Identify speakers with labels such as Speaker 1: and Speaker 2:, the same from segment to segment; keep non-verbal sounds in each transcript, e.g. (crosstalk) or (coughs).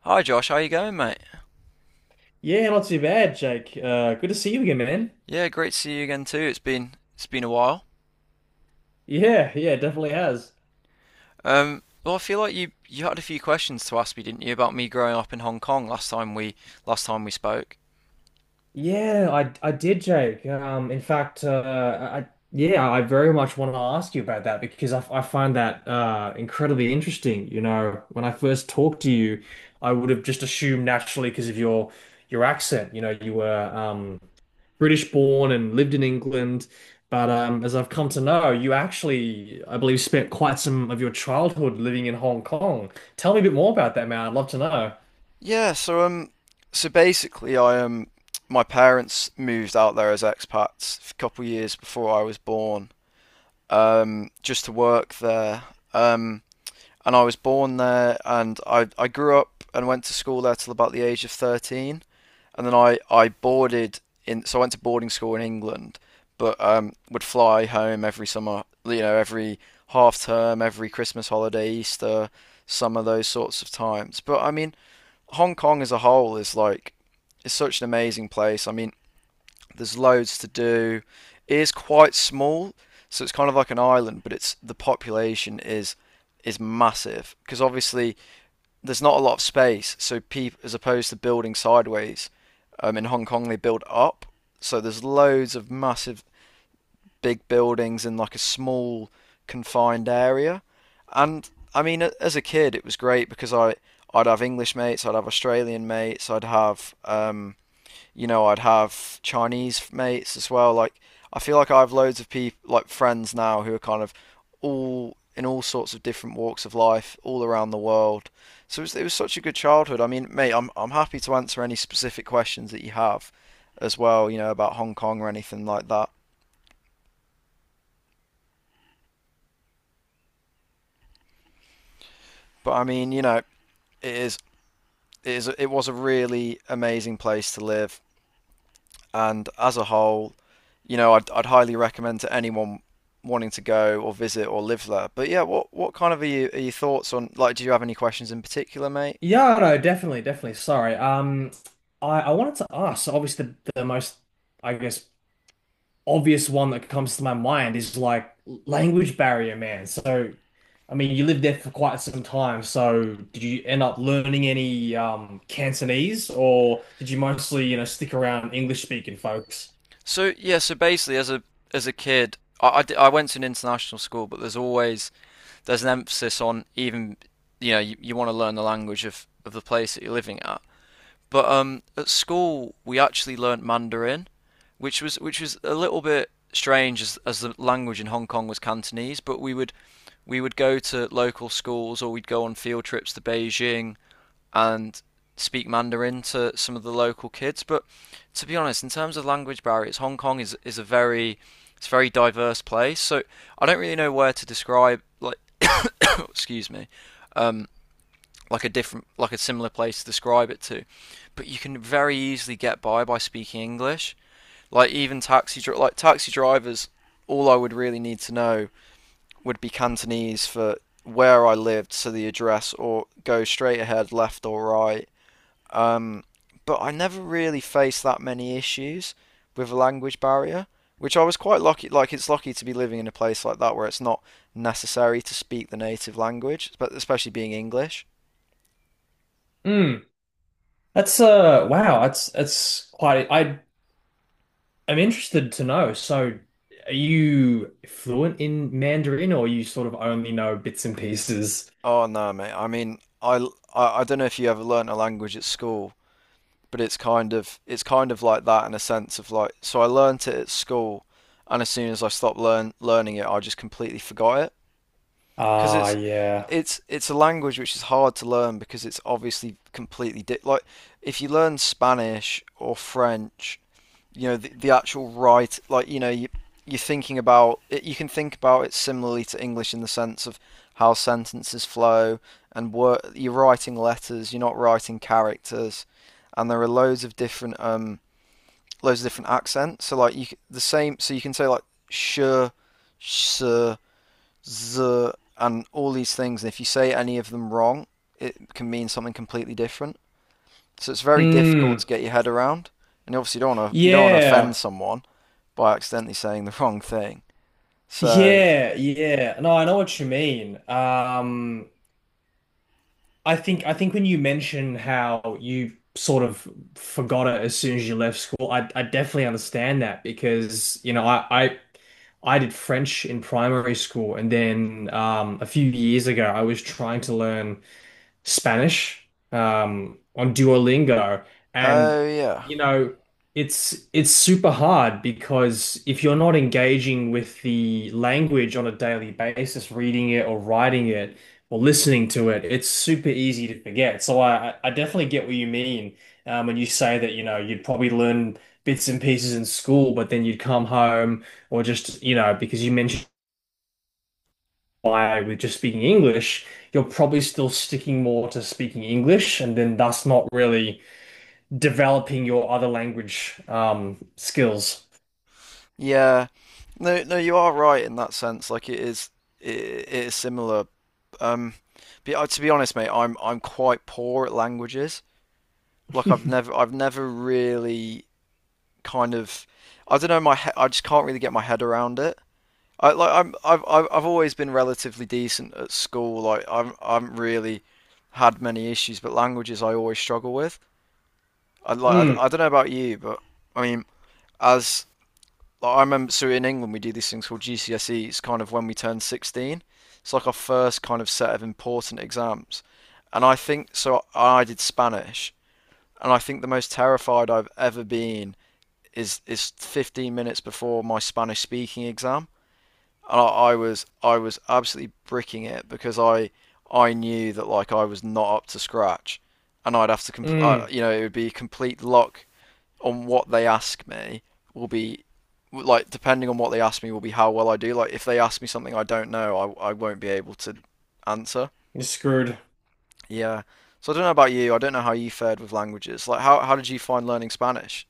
Speaker 1: Hi Josh, how you going, mate?
Speaker 2: Yeah, not too bad, Jake. Good to see you again, man.
Speaker 1: Yeah, great to see you again too. It's been a while.
Speaker 2: Yeah, yeah, definitely has.
Speaker 1: Well, I feel like you had a few questions to ask me, didn't you, about me growing up in Hong Kong last time we spoke?
Speaker 2: Yeah, I did, Jake. In fact, I yeah, I very much want to ask you about that because I find that incredibly interesting. You know, when I first talked to you, I would have just assumed naturally because of your accent, you know, you were British born and lived in England. But as I've come to know, you actually, I believe, spent quite some of your childhood living in Hong Kong. Tell me a bit more about that, man. I'd love to know.
Speaker 1: Yeah, so so basically, I my parents moved out there as expats a couple of years before I was born, just to work there. Um, and I was born there, and I grew up and went to school there till about the age of 13, and then I boarded in. So I went to boarding school in England, but would fly home every summer, you know, every half term, every Christmas holiday, Easter, summer, those sorts of times. But I mean, Hong Kong as a whole is like, it's such an amazing place. I mean, there's loads to do. It is quite small, so it's kind of like an island, but it's the population is massive because obviously there's not a lot of space. So people, as opposed to building sideways, in Hong Kong they build up. So there's loads of massive big buildings in like a small confined area. And I mean, as a kid, it was great because I I'd have English mates, I'd have Australian mates, I'd have Chinese mates as well. Like, I feel like I have loads of people, like friends now, who are kind of all in all sorts of different walks of life, all around the world. So it was such a good childhood. I mean, mate, I'm happy to answer any specific questions that you have, as well. You know, about Hong Kong or anything like that. But I mean, you know, it is it is, it was a really amazing place to live, and as a whole, you know, I'd highly recommend to anyone wanting to go or visit or live there. But yeah, what kind of are your thoughts on? Like, do you have any questions in particular, mate?
Speaker 2: Yeah, no, definitely, definitely. Sorry. I wanted to ask, so obviously the most, I guess, obvious one that comes to my mind is like language barrier, man. So, I mean, you lived there for quite some time. So, did you end up learning any Cantonese, or did you mostly, you know, stick around English speaking folks?
Speaker 1: So basically, as a kid, I went to an international school, but there's an emphasis on even you know you want to learn the language of the place that you're living at. But at school, we actually learnt Mandarin, which was a little bit strange as the language in Hong Kong was Cantonese. But we would go to local schools or we'd go on field trips to Beijing and speak Mandarin to some of the local kids. But to be honest, in terms of language barriers, Hong Kong is a very it's a very diverse place. So I don't really know where to describe like (coughs) excuse me like a different, like a similar place to describe it to. But you can very easily get by speaking English. Like even taxi, like taxi drivers, all I would really need to know would be Cantonese for where I lived, so the address, or go straight ahead, left or right. Um, but I never really faced that many issues with a language barrier, which I was quite lucky. Like it's lucky to be living in a place like that where it's not necessary to speak the native language, but especially being English.
Speaker 2: Mm, that's wow, that's quite. I I'm interested to know. So, are you fluent in Mandarin, or you sort of only know bits and pieces?
Speaker 1: Oh no, mate. I mean, I don't know if you ever learnt a language at school, but it's kind of like that in a sense of like so I learnt it at school, and as soon as I stopped learning it, I just completely forgot it because
Speaker 2: Ah, yeah.
Speaker 1: it's a language which is hard to learn because it's obviously completely di like if you learn Spanish or French, you know the actual right, like you know you're thinking about it, you can think about it similarly to English in the sense of how sentences flow and you're writing letters, you're not writing characters, and there are loads of different accents. So like you the same, so you can say like sh, sh, z and all these things, and if you say any of them wrong, it can mean something completely different. So it's very difficult
Speaker 2: Mm,
Speaker 1: to get your head around, and obviously you don't want to offend
Speaker 2: yeah.
Speaker 1: someone by accidentally saying the wrong thing. So,
Speaker 2: Yeah, yeah. No, I know what you mean. I think when you mention how you sort of forgot it as soon as you left school, I definitely understand that because, you know, I did French in primary school and then a few years ago I was trying to learn Spanish on Duolingo, and
Speaker 1: oh yeah,
Speaker 2: you know it's super hard because if you're not engaging with the language on a daily basis, reading it or writing it or listening to it, it's super easy to forget. So I definitely get what you mean when you say that you know you'd probably learn bits and pieces in school, but then you'd come home or just you know because you mentioned why with just speaking English, you're probably still sticking more to speaking English and then thus not really developing your other language skills.
Speaker 1: yeah. No, no, you are right in that sense. Like it is similar. Um, but To be honest, mate, I'm quite poor at languages. Like
Speaker 2: (laughs)
Speaker 1: I've never really kind of I don't know I just can't really get my head around it. I'm I've always been relatively decent at school. Like I haven't really had many issues, but languages I always struggle with.
Speaker 2: Mm,
Speaker 1: I don't know about you, but I mean as like, I remember, so in England we do these things called GCSEs, kind of when we turn 16. It's like our first kind of set of important exams, and I think so. I did Spanish, and I think the most terrified I've ever been is 15 minutes before my Spanish speaking exam. And I was absolutely bricking it because I knew that like I was not up to scratch, and I'd have to
Speaker 2: mm,
Speaker 1: you know, it would be complete luck on what they ask me will be like, depending on what they ask me will be how well I do. Like if they ask me something I don't know, I won't be able to answer.
Speaker 2: you're screwed.
Speaker 1: Yeah. So I don't know about you. I don't know how you fared with languages. Like how did you find learning Spanish?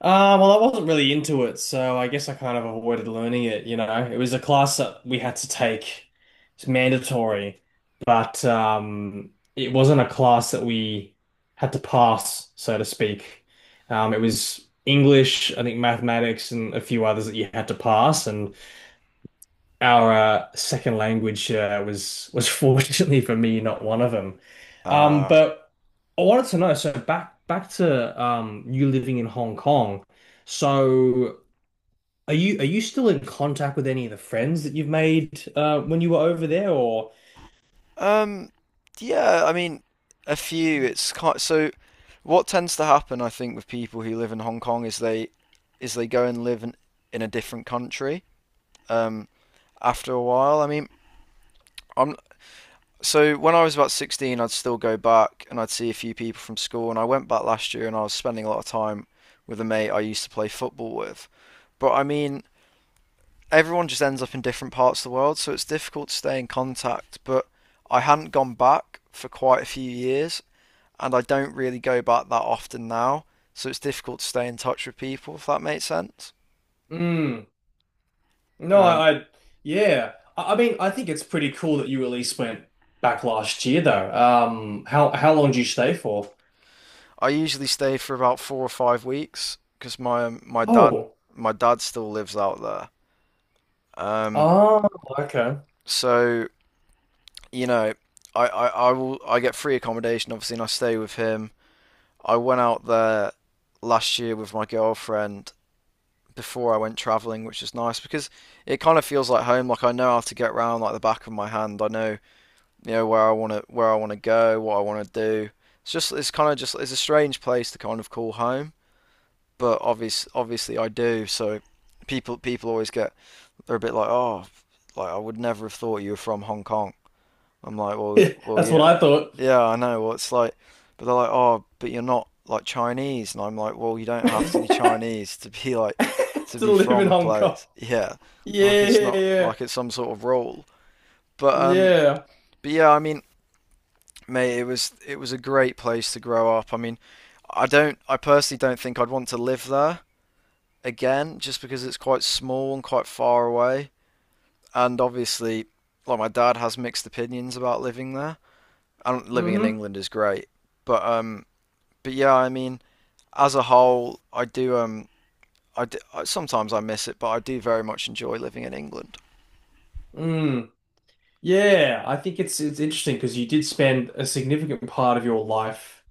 Speaker 2: Well, I wasn't really into it, so I guess I kind of avoided learning it, you know. It was a class that we had to take. It's mandatory, but it wasn't a class that we had to pass, so to speak. It was English, I think mathematics and a few others that you had to pass, and our second language was (laughs) fortunately for me not one of them. Um,
Speaker 1: Uh,
Speaker 2: but I wanted to know, so back to you living in Hong Kong. So are you still in contact with any of the friends that you've made when you were over there, or?
Speaker 1: um, yeah, I mean, a few. It's kind. So. What tends to happen, I think, with people who live in Hong Kong is they go and live in a different country um, after a while. I mean, I'm So when I was about 16, I'd still go back and I'd see a few people from school. And I went back last year and I was spending a lot of time with a mate I used to play football with. But I mean, everyone just ends up in different parts of the world, so it's difficult to stay in contact. But I hadn't gone back for quite a few years and I don't really go back that often now. So it's difficult to stay in touch with people, if that makes sense.
Speaker 2: Mm, no,
Speaker 1: Um,
Speaker 2: I yeah. I mean, I think it's pretty cool that you at least went back last year, though. How long did you stay for?
Speaker 1: I usually stay for about 4 or 5 weeks because my
Speaker 2: Oh,
Speaker 1: my dad still lives out there. Um,
Speaker 2: oh, okay.
Speaker 1: So you know, I get free accommodation obviously, and I stay with him. I went out there last year with my girlfriend before I went traveling, which is nice because it kind of feels like home. Like I know how to get around like the back of my hand. I know you know where I want to go, what I want to do. It's a strange place to kind of call home, but obviously I do. So people always get, they're a bit like, oh, like I would never have thought you were from Hong Kong. I'm like,
Speaker 2: (laughs)
Speaker 1: well,
Speaker 2: That's what
Speaker 1: yeah,
Speaker 2: I thought.
Speaker 1: yeah, I know. Well, it's like, but they're like, oh, but you're not like Chinese, and I'm like, well, you
Speaker 2: (laughs)
Speaker 1: don't have to be
Speaker 2: To
Speaker 1: Chinese to be like, to be
Speaker 2: live in
Speaker 1: from a
Speaker 2: Hong Kong.
Speaker 1: place. Yeah, like
Speaker 2: Yeah,
Speaker 1: it's
Speaker 2: yeah,
Speaker 1: not
Speaker 2: yeah.
Speaker 1: like it's some sort of rule. But um,
Speaker 2: Yeah.
Speaker 1: but yeah, I mean, mate, it was a great place to grow up. I mean, I don't, I personally don't think I'd want to live there again, just because it's quite small and quite far away, and obviously, like my dad has mixed opinions about living there. I do. Living in
Speaker 2: Mm-hmm.
Speaker 1: England is great, but um, but yeah, I mean, as a whole, I do, sometimes I miss it, but I do very much enjoy living in England.
Speaker 2: Mm. Yeah, I think it's interesting because you did spend a significant part of your life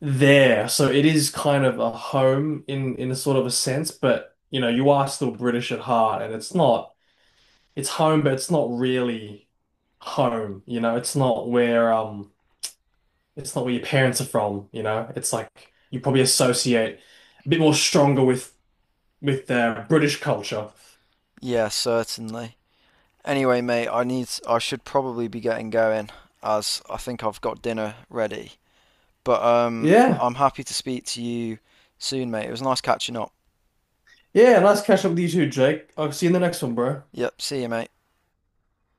Speaker 2: there. So it is kind of a home in a sort of a sense, but you know, you are still British at heart and it's not it's home, but it's not really home, you know, it's not where your parents are from, you know. It's like you probably associate a bit more stronger with their British culture.
Speaker 1: Yeah, certainly. Anyway, mate, I should probably be getting going as I think I've got dinner ready. But
Speaker 2: Yeah,
Speaker 1: I'm happy to speak to you soon, mate. It was nice catching up.
Speaker 2: yeah. Nice catch up with you too, Jake. I'll see you in the next one, bro.
Speaker 1: Yep, see you, mate.